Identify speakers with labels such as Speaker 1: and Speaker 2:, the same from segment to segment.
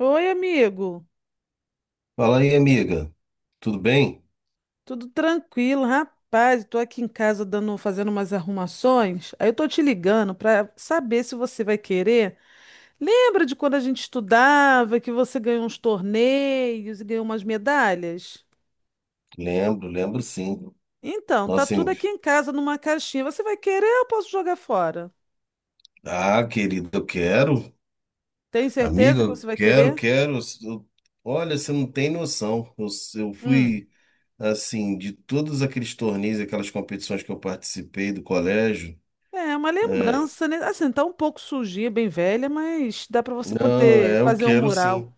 Speaker 1: Oi, amigo.
Speaker 2: Fala aí, amiga. Tudo bem?
Speaker 1: Tudo tranquilo, rapaz? Estou aqui em casa fazendo umas arrumações. Aí eu tô te ligando para saber se você vai querer. Lembra de quando a gente estudava que você ganhou uns torneios e ganhou umas medalhas?
Speaker 2: Lembro sim.
Speaker 1: Então, tá
Speaker 2: Nossa,
Speaker 1: tudo aqui em casa numa caixinha. Você vai querer ou eu posso jogar fora?
Speaker 2: ah, querida, eu quero.
Speaker 1: Tem
Speaker 2: Amiga,
Speaker 1: certeza que você
Speaker 2: eu
Speaker 1: vai
Speaker 2: quero,
Speaker 1: querer?
Speaker 2: quero. Olha, você não tem noção. Eu
Speaker 1: Hum.
Speaker 2: fui, assim, de todos aqueles torneios, aquelas competições que eu participei do colégio.
Speaker 1: É uma lembrança, né? Assim, tá um pouco sujinha, bem velha, mas dá para você
Speaker 2: Não,
Speaker 1: poder
Speaker 2: é, eu
Speaker 1: fazer um
Speaker 2: quero
Speaker 1: mural.
Speaker 2: sim.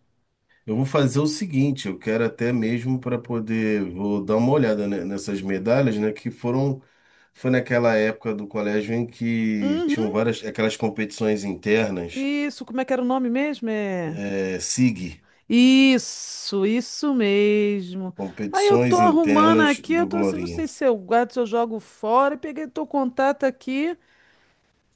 Speaker 2: Eu vou fazer o seguinte, eu quero até mesmo para poder, vou dar uma olhada nessas medalhas, né, que foram foi naquela época do colégio em que tinham
Speaker 1: Uhum.
Speaker 2: várias aquelas competições internas,
Speaker 1: Isso, como é que era o nome mesmo? É.
Speaker 2: é, SIG,
Speaker 1: Isso mesmo. Aí eu tô
Speaker 2: competições
Speaker 1: arrumando
Speaker 2: internas
Speaker 1: aqui, eu
Speaker 2: do
Speaker 1: tô assim, não
Speaker 2: Glorinha.
Speaker 1: sei se eu guardo, se eu jogo fora, e peguei teu contato aqui.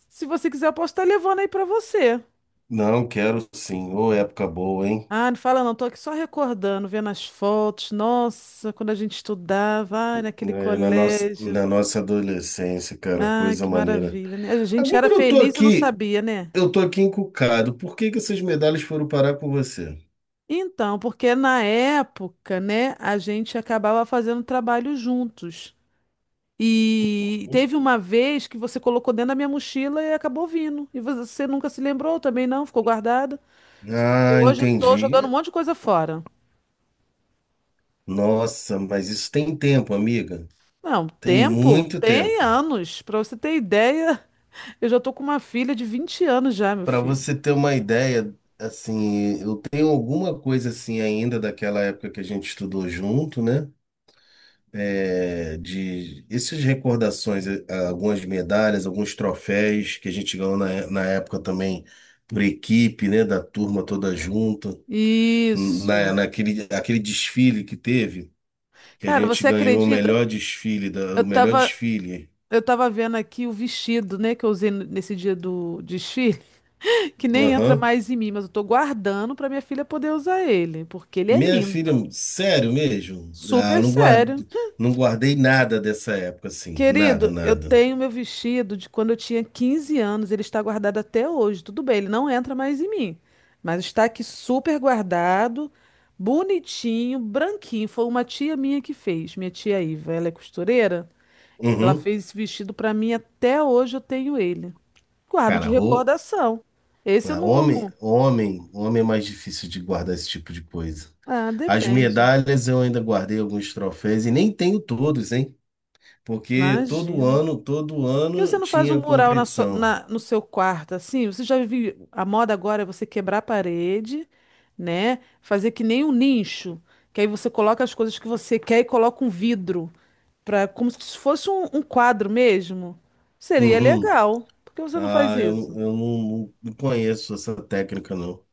Speaker 1: Se você quiser, eu posso estar levando aí pra você.
Speaker 2: Não, quero sim. Ô, época boa, hein?
Speaker 1: Ah, não fala não, tô aqui só recordando, vendo as fotos. Nossa, quando a gente estudava, ai, naquele
Speaker 2: É, na nossa,
Speaker 1: colégio.
Speaker 2: na nossa adolescência, cara,
Speaker 1: Ai,
Speaker 2: coisa
Speaker 1: que
Speaker 2: maneira.
Speaker 1: maravilha, né? A gente era
Speaker 2: Agora
Speaker 1: feliz e não sabia, né?
Speaker 2: eu tô aqui encucado. Por que que essas medalhas foram parar com você?
Speaker 1: Então, porque na época, né, a gente acabava fazendo trabalho juntos. E teve uma vez que você colocou dentro da minha mochila e acabou vindo. E você nunca se lembrou também, não? Ficou guardada. Só que
Speaker 2: Ah,
Speaker 1: hoje eu tô
Speaker 2: entendi.
Speaker 1: jogando um monte de coisa fora.
Speaker 2: Nossa, mas isso tem tempo, amiga.
Speaker 1: Não,
Speaker 2: Tem
Speaker 1: tempo
Speaker 2: muito tempo.
Speaker 1: tem anos. Pra você ter ideia, eu já tô com uma filha de 20 anos já, meu
Speaker 2: Para
Speaker 1: filho.
Speaker 2: você ter uma ideia, assim, eu tenho alguma coisa assim ainda daquela época que a gente estudou junto, né? É, de essas recordações, algumas medalhas, alguns troféus que a gente ganhou na época também por equipe, né? Da turma toda junta,
Speaker 1: Isso.
Speaker 2: naquele aquele desfile que teve, que a
Speaker 1: Cara,
Speaker 2: gente
Speaker 1: você
Speaker 2: ganhou o
Speaker 1: acredita?
Speaker 2: melhor desfile,
Speaker 1: Eu
Speaker 2: o melhor
Speaker 1: tava,
Speaker 2: desfile.
Speaker 1: eu tava vendo aqui o vestido, né, que eu usei nesse dia do desfile, que nem entra
Speaker 2: Aham.
Speaker 1: mais em mim, mas eu tô guardando pra minha filha poder usar ele, porque ele é
Speaker 2: Minha filha,
Speaker 1: lindo.
Speaker 2: sério mesmo? Ah,
Speaker 1: Super
Speaker 2: eu não
Speaker 1: sério.
Speaker 2: guardei, não guardei nada dessa época, assim. Nada,
Speaker 1: Querido, eu
Speaker 2: nada.
Speaker 1: tenho meu vestido de quando eu tinha 15 anos, ele está guardado até hoje. Tudo bem, ele não entra mais em mim, mas está aqui super guardado, bonitinho, branquinho. Foi uma tia minha que fez, minha tia Iva, ela é costureira. Ela
Speaker 2: Uhum.
Speaker 1: fez esse vestido para mim, até hoje eu tenho ele. Guardo de
Speaker 2: Cara, ro...
Speaker 1: recordação. Esse eu
Speaker 2: ah, homem,
Speaker 1: não.
Speaker 2: homem, homem é mais difícil de guardar esse tipo de coisa.
Speaker 1: Ah,
Speaker 2: As
Speaker 1: depende.
Speaker 2: medalhas eu ainda guardei alguns troféus e nem tenho todos, hein? Porque
Speaker 1: Imagino.
Speaker 2: todo
Speaker 1: Por que você
Speaker 2: ano
Speaker 1: não faz um
Speaker 2: tinha
Speaker 1: mural na
Speaker 2: competição.
Speaker 1: no seu quarto, assim? Você já viu, a moda agora é você quebrar a parede, né? Fazer que nem um nicho, que aí você coloca as coisas que você quer e coloca um vidro, pra, como se fosse um quadro mesmo. Seria
Speaker 2: Uhum.
Speaker 1: legal. Por que você não faz
Speaker 2: Ah,
Speaker 1: isso?
Speaker 2: eu não conheço essa técnica, não.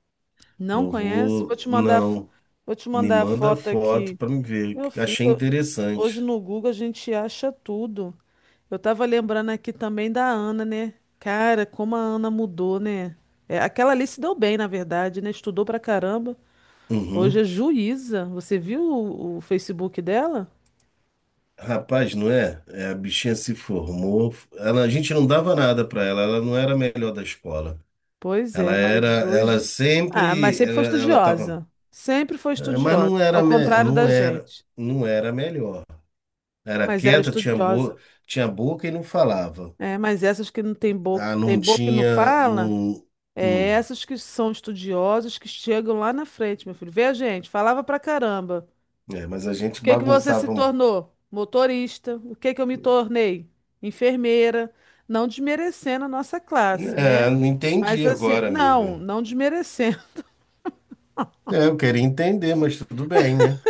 Speaker 1: Não
Speaker 2: Eu
Speaker 1: conhece? Vou
Speaker 2: vou.
Speaker 1: te mandar,
Speaker 2: Não.
Speaker 1: vou te
Speaker 2: Me
Speaker 1: mandar a
Speaker 2: manda
Speaker 1: foto
Speaker 2: foto
Speaker 1: aqui.
Speaker 2: pra me ver.
Speaker 1: Meu
Speaker 2: Achei
Speaker 1: filho, hoje
Speaker 2: interessante.
Speaker 1: no Google a gente acha tudo. Eu tava lembrando aqui também da Ana, né? Cara, como a Ana mudou, né? É, aquela ali se deu bem, na verdade, né? Estudou pra caramba. Hoje é
Speaker 2: Uhum.
Speaker 1: juíza. Você viu o Facebook dela?
Speaker 2: Rapaz, não é? É, a bichinha se formou. Ela, a gente não dava nada pra ela. Ela não era a melhor da escola.
Speaker 1: Pois
Speaker 2: Ela
Speaker 1: é,
Speaker 2: era,
Speaker 1: mas
Speaker 2: ela
Speaker 1: hoje. Ah, mas
Speaker 2: sempre,
Speaker 1: sempre foi
Speaker 2: ela tava,
Speaker 1: estudiosa. Sempre foi
Speaker 2: é, mas
Speaker 1: estudiosa. Ao contrário da gente.
Speaker 2: não era a melhor. Era
Speaker 1: Mas era
Speaker 2: quieta,
Speaker 1: estudiosa.
Speaker 2: tinha boca e não falava.
Speaker 1: É, mas essas que não tem boca,
Speaker 2: Ah,
Speaker 1: tem
Speaker 2: não
Speaker 1: boca e não
Speaker 2: tinha,
Speaker 1: fala,
Speaker 2: não,
Speaker 1: é
Speaker 2: não.
Speaker 1: essas que são estudiosas que chegam lá na frente, meu filho. Vê a gente, falava pra caramba.
Speaker 2: É, mas a
Speaker 1: O
Speaker 2: gente
Speaker 1: que que você se
Speaker 2: bagunçava.
Speaker 1: tornou? Motorista. O que que eu me tornei? Enfermeira. Não desmerecendo a nossa classe, né?
Speaker 2: É, não
Speaker 1: Mas
Speaker 2: entendi
Speaker 1: assim,
Speaker 2: agora,
Speaker 1: não,
Speaker 2: amigo.
Speaker 1: não desmerecendo.
Speaker 2: É, eu queria entender, mas tudo bem, né?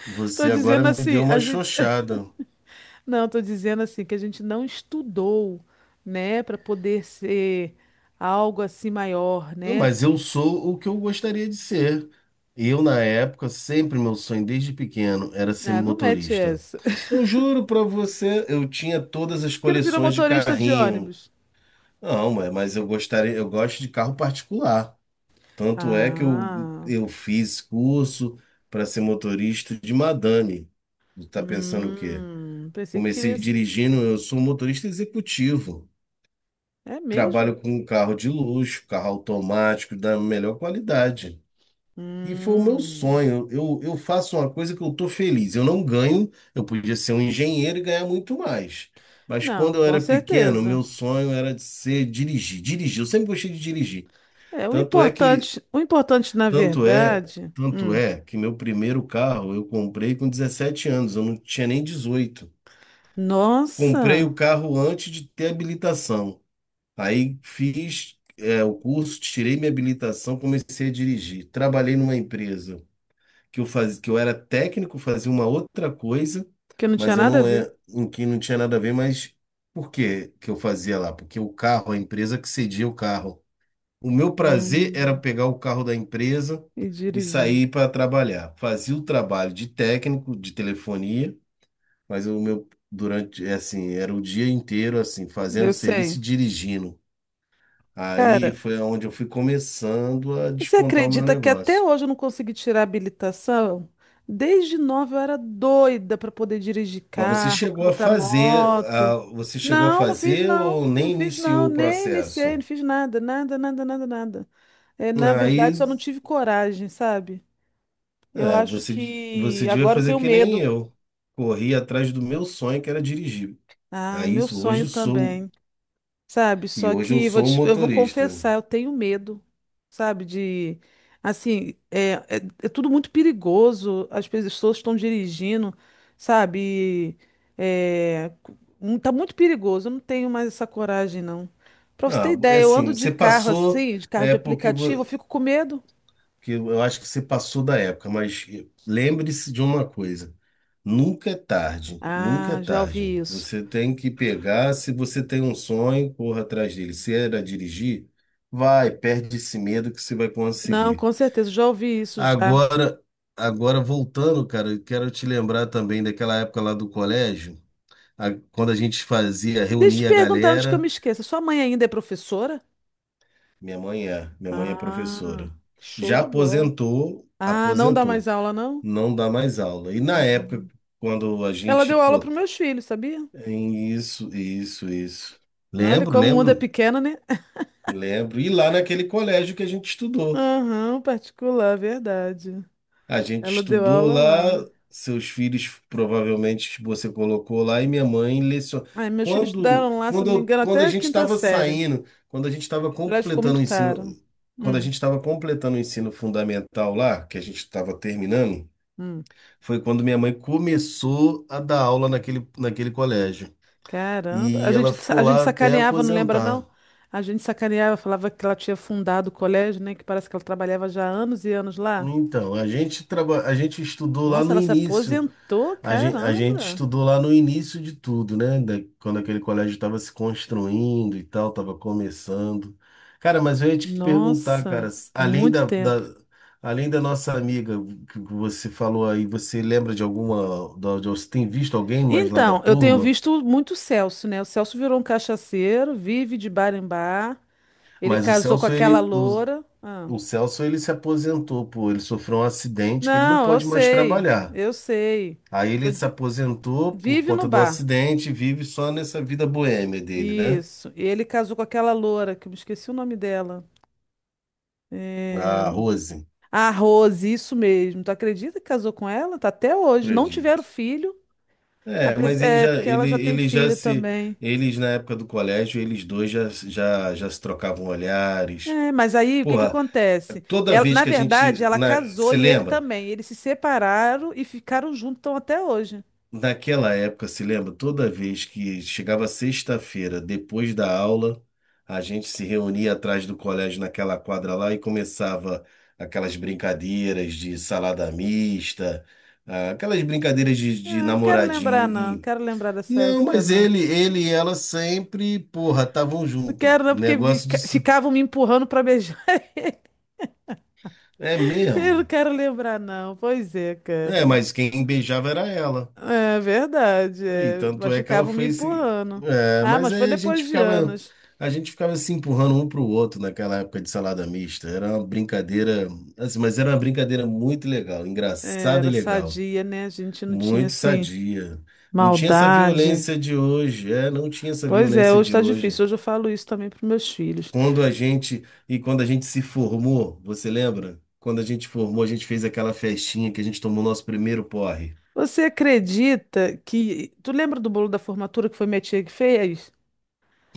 Speaker 1: Tô
Speaker 2: Você agora
Speaker 1: dizendo
Speaker 2: me deu
Speaker 1: assim,
Speaker 2: uma
Speaker 1: a gente,
Speaker 2: xoxada.
Speaker 1: não, tô dizendo assim que a gente não estudou, né, para poder ser algo assim maior,
Speaker 2: Não,
Speaker 1: né?
Speaker 2: mas eu sou o que eu gostaria de ser. Eu, na época, sempre meu sonho desde pequeno era ser
Speaker 1: Ah, não mete
Speaker 2: motorista.
Speaker 1: essa.
Speaker 2: Eu juro pra você, eu tinha todas as
Speaker 1: Por que não virou
Speaker 2: coleções de
Speaker 1: motorista de
Speaker 2: carrinho.
Speaker 1: ônibus?
Speaker 2: Não, mas eu gostaria, eu gosto de carro particular. Tanto é que
Speaker 1: Ah,
Speaker 2: eu fiz curso para ser motorista de madame. Tu tá pensando o quê?
Speaker 1: pensei que
Speaker 2: Comecei
Speaker 1: queria ser.
Speaker 2: dirigindo, eu sou um motorista executivo.
Speaker 1: É mesmo?
Speaker 2: Trabalho com um carro de luxo, carro automático da melhor qualidade. E foi o meu
Speaker 1: Hum.
Speaker 2: sonho. Eu faço uma coisa que eu tô feliz. Eu não ganho, eu podia ser um engenheiro e ganhar muito mais. Mas quando
Speaker 1: Não,
Speaker 2: eu
Speaker 1: com
Speaker 2: era pequeno, meu
Speaker 1: certeza.
Speaker 2: sonho era de ser dirigir. Dirigir, eu sempre gostei de dirigir.
Speaker 1: É, o
Speaker 2: Tanto é que,
Speaker 1: importante, o importante na
Speaker 2: tanto é,
Speaker 1: verdade.
Speaker 2: tanto é que meu primeiro carro eu comprei com 17 anos, eu não tinha nem 18. Comprei
Speaker 1: Nossa,
Speaker 2: o carro antes de ter habilitação. Aí fiz, é, o curso, tirei minha habilitação, comecei a dirigir. Trabalhei numa empresa que eu era técnico, fazia uma outra coisa,
Speaker 1: que não tinha
Speaker 2: mas eu
Speaker 1: nada a
Speaker 2: não
Speaker 1: ver.
Speaker 2: é, em que não tinha nada a ver, mas por que que eu fazia lá? Porque o carro, a empresa que cedia o carro. O meu prazer era
Speaker 1: Hum,
Speaker 2: pegar o carro da empresa
Speaker 1: e
Speaker 2: e
Speaker 1: dirigir.
Speaker 2: sair para trabalhar. Fazia o trabalho de técnico de telefonia, mas o meu durante, é assim, era o dia inteiro assim,
Speaker 1: Eu
Speaker 2: fazendo serviço
Speaker 1: sei.
Speaker 2: e dirigindo. Aí
Speaker 1: Cara,
Speaker 2: foi onde eu fui começando a
Speaker 1: você
Speaker 2: despontar o meu
Speaker 1: acredita que até
Speaker 2: negócio.
Speaker 1: hoje eu não consegui tirar a habilitação? Desde nova eu era doida para poder dirigir
Speaker 2: Mas você
Speaker 1: carro,
Speaker 2: chegou a
Speaker 1: pilotar
Speaker 2: fazer,
Speaker 1: moto.
Speaker 2: ah, você chegou a
Speaker 1: Não, não fiz
Speaker 2: fazer
Speaker 1: não,
Speaker 2: ou
Speaker 1: não
Speaker 2: nem
Speaker 1: fiz não,
Speaker 2: iniciou o
Speaker 1: nem iniciei, não
Speaker 2: processo?
Speaker 1: fiz nada, nada, nada, nada, nada. É, na verdade,
Speaker 2: Aí,
Speaker 1: só não tive coragem, sabe? Eu
Speaker 2: é,
Speaker 1: acho
Speaker 2: você, você
Speaker 1: que
Speaker 2: devia
Speaker 1: agora eu
Speaker 2: fazer
Speaker 1: tenho
Speaker 2: que nem
Speaker 1: medo.
Speaker 2: eu. Corri atrás do meu sonho, que era dirigir.
Speaker 1: Ah,
Speaker 2: É
Speaker 1: o meu
Speaker 2: isso, hoje eu
Speaker 1: sonho
Speaker 2: sou,
Speaker 1: também, sabe?
Speaker 2: e
Speaker 1: Só
Speaker 2: hoje eu
Speaker 1: que
Speaker 2: sou
Speaker 1: eu vou
Speaker 2: motorista.
Speaker 1: confessar, eu tenho medo, sabe? De, assim, é tudo muito perigoso, as pessoas estão dirigindo, sabe? É, tá muito perigoso, eu não tenho mais essa coragem, não. Pra você ter
Speaker 2: Ah, é
Speaker 1: ideia, eu
Speaker 2: assim,
Speaker 1: ando de carro assim, de carro
Speaker 2: é
Speaker 1: de
Speaker 2: porque vo-
Speaker 1: aplicativo, eu fico com medo.
Speaker 2: que eu acho que você passou da época, mas lembre-se de uma coisa: nunca é tarde, nunca é
Speaker 1: Ah, já ouvi
Speaker 2: tarde.
Speaker 1: isso.
Speaker 2: Você tem que pegar, se você tem um sonho, corra atrás dele. Se era dirigir, vai, perde esse medo que você vai
Speaker 1: Não,
Speaker 2: conseguir.
Speaker 1: com certeza, já ouvi isso já.
Speaker 2: Agora, agora voltando, cara, eu quero te lembrar também daquela época lá do colégio, quando a gente fazia,
Speaker 1: Deixa eu te
Speaker 2: reunia a
Speaker 1: perguntar antes que eu
Speaker 2: galera.
Speaker 1: me esqueça. Sua mãe ainda é professora?
Speaker 2: Minha mãe é professora.
Speaker 1: Ah, show
Speaker 2: Já
Speaker 1: de bola.
Speaker 2: aposentou,
Speaker 1: Ah, não dá mais
Speaker 2: aposentou.
Speaker 1: aula, não?
Speaker 2: Não dá mais aula. E na época,
Speaker 1: Hum.
Speaker 2: quando a
Speaker 1: Ela
Speaker 2: gente,
Speaker 1: deu aula para
Speaker 2: pô,
Speaker 1: meus filhos, sabia?
Speaker 2: isso, isso, isso.
Speaker 1: Olha
Speaker 2: Lembro,
Speaker 1: como o mundo é
Speaker 2: lembro,
Speaker 1: pequeno, né?
Speaker 2: lembro. E lá naquele colégio que a gente estudou.
Speaker 1: Aham, particular, verdade.
Speaker 2: A gente
Speaker 1: Ela deu
Speaker 2: estudou
Speaker 1: aula lá.
Speaker 2: lá, seus filhos provavelmente você colocou lá, e minha mãe lecionou.
Speaker 1: Ai, meus filhos estudaram lá, se eu não me engano,
Speaker 2: Quando a
Speaker 1: até a
Speaker 2: gente
Speaker 1: quinta
Speaker 2: estava
Speaker 1: série.
Speaker 2: saindo, quando a gente estava
Speaker 1: Aliás, ficou
Speaker 2: completando
Speaker 1: muito
Speaker 2: o ensino.
Speaker 1: caro.
Speaker 2: Quando a
Speaker 1: Hum,
Speaker 2: gente estava completando o ensino fundamental lá, que a gente estava terminando,
Speaker 1: hum.
Speaker 2: foi quando minha mãe começou a dar aula naquele colégio.
Speaker 1: Caramba. A
Speaker 2: E ela
Speaker 1: gente,
Speaker 2: ficou
Speaker 1: a gente
Speaker 2: lá até
Speaker 1: sacaneava, não lembra,
Speaker 2: aposentar.
Speaker 1: não? A gente sacaneava, falava que ela tinha fundado o colégio, né? Que parece que ela trabalhava já há anos e anos lá.
Speaker 2: Então, a gente estudou lá
Speaker 1: Nossa,
Speaker 2: no
Speaker 1: ela se
Speaker 2: início.
Speaker 1: aposentou,
Speaker 2: A gente
Speaker 1: caramba.
Speaker 2: estudou lá no início de tudo, né? Quando aquele colégio estava se construindo e tal, estava começando. Cara, mas eu ia te perguntar, cara,
Speaker 1: Nossa, muito tempo.
Speaker 2: além da nossa amiga que você falou aí, você lembra de alguma, você tem visto alguém mais lá da
Speaker 1: Então, eu tenho
Speaker 2: turma?
Speaker 1: visto muito o Celso, né? O Celso virou um cachaceiro, vive de bar em bar. Ele
Speaker 2: Mas o
Speaker 1: casou com
Speaker 2: Celso,
Speaker 1: aquela
Speaker 2: ele,
Speaker 1: loura.
Speaker 2: o,
Speaker 1: Ah.
Speaker 2: o Celso, ele se aposentou, pô, ele sofreu um acidente que ele não
Speaker 1: Não, eu
Speaker 2: pode mais
Speaker 1: sei,
Speaker 2: trabalhar.
Speaker 1: eu sei.
Speaker 2: Aí ele
Speaker 1: Tô-
Speaker 2: se aposentou por
Speaker 1: Vive no
Speaker 2: conta do
Speaker 1: bar.
Speaker 2: acidente e vive só nessa vida boêmia dele, né?
Speaker 1: Isso. E ele casou com aquela loura, que eu me esqueci o nome dela. É...
Speaker 2: A Rose,
Speaker 1: A Rose, isso mesmo. Tu acredita que casou com ela? Tá até hoje. Não tiveram
Speaker 2: acredito.
Speaker 1: filho.
Speaker 2: É, mas ele
Speaker 1: É,
Speaker 2: já,
Speaker 1: porque ela
Speaker 2: ele,
Speaker 1: já tem
Speaker 2: ele já
Speaker 1: filho
Speaker 2: se,
Speaker 1: também.
Speaker 2: eles na época do colégio, eles dois já se trocavam olhares.
Speaker 1: É, mas aí o que que
Speaker 2: Porra,
Speaker 1: acontece?
Speaker 2: toda vez
Speaker 1: Na
Speaker 2: que
Speaker 1: verdade, ela casou
Speaker 2: se
Speaker 1: e ele
Speaker 2: lembra?
Speaker 1: também. Eles se separaram e ficaram juntos tão até hoje.
Speaker 2: Naquela época, se lembra, toda vez que chegava sexta-feira, depois da aula, a gente se reunia atrás do colégio naquela quadra lá e começava aquelas brincadeiras de salada mista, ah, aquelas brincadeiras de
Speaker 1: Ah, não quero lembrar,
Speaker 2: namoradinho
Speaker 1: não. Não
Speaker 2: e
Speaker 1: quero lembrar dessa
Speaker 2: não,
Speaker 1: época,
Speaker 2: mas
Speaker 1: não.
Speaker 2: ele e ela sempre, porra, estavam
Speaker 1: Não
Speaker 2: junto.
Speaker 1: quero, não, porque
Speaker 2: Negócio disso.
Speaker 1: ficavam me empurrando pra beijar ele.
Speaker 2: É
Speaker 1: Eu não
Speaker 2: mesmo.
Speaker 1: quero lembrar, não. Pois é,
Speaker 2: É,
Speaker 1: cara.
Speaker 2: mas quem beijava era ela.
Speaker 1: É verdade,
Speaker 2: E
Speaker 1: é.
Speaker 2: tanto
Speaker 1: Mas
Speaker 2: é que ela
Speaker 1: ficavam me
Speaker 2: foi se.
Speaker 1: empurrando.
Speaker 2: É,
Speaker 1: Ah,
Speaker 2: mas
Speaker 1: mas foi
Speaker 2: aí
Speaker 1: depois de anos.
Speaker 2: a gente ficava se empurrando um para o outro naquela época de salada mista. Era uma brincadeira, assim, mas era uma brincadeira muito legal,
Speaker 1: É,
Speaker 2: engraçada e
Speaker 1: era
Speaker 2: legal,
Speaker 1: sadia, né? A gente não tinha,
Speaker 2: muito
Speaker 1: assim,
Speaker 2: sadia. Não tinha essa
Speaker 1: maldade.
Speaker 2: violência de hoje, é, não tinha essa
Speaker 1: Pois é,
Speaker 2: violência
Speaker 1: hoje
Speaker 2: de
Speaker 1: tá
Speaker 2: hoje.
Speaker 1: difícil. Hoje eu falo isso também pros meus filhos.
Speaker 2: Quando a gente se formou, você lembra? Quando a gente formou, a gente fez aquela festinha que a gente tomou nosso primeiro porre.
Speaker 1: Você acredita que. Tu lembra do bolo da formatura que foi minha tia que fez?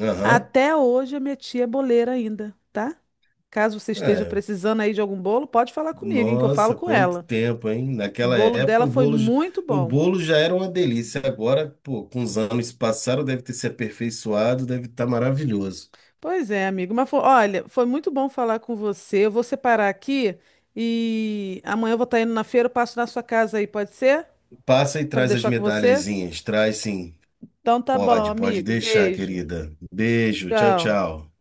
Speaker 2: Aham.
Speaker 1: Até hoje a minha tia é boleira ainda, tá? Caso você esteja
Speaker 2: É,
Speaker 1: precisando aí de algum bolo, pode falar comigo, hein, que eu falo
Speaker 2: Nossa,
Speaker 1: com
Speaker 2: quanto
Speaker 1: ela.
Speaker 2: tempo, hein?
Speaker 1: O
Speaker 2: Naquela
Speaker 1: bolo
Speaker 2: época
Speaker 1: dela
Speaker 2: o
Speaker 1: foi
Speaker 2: bolo, j-
Speaker 1: muito
Speaker 2: o
Speaker 1: bom.
Speaker 2: bolo já era uma delícia. Agora, pô, com os anos que passaram, deve ter se aperfeiçoado, deve estar maravilhoso.
Speaker 1: Pois é, amigo, mas olha, foi muito bom falar com você. Eu vou separar aqui e amanhã eu vou estar indo na feira, eu passo na sua casa aí, pode ser?
Speaker 2: Passa e
Speaker 1: Para
Speaker 2: traz as
Speaker 1: deixar com você?
Speaker 2: medalhazinhas. Traz sim.
Speaker 1: Então tá bom,
Speaker 2: Pode
Speaker 1: amigo.
Speaker 2: deixar,
Speaker 1: Beijo.
Speaker 2: querida. Beijo, tchau,
Speaker 1: Tchau.
Speaker 2: tchau.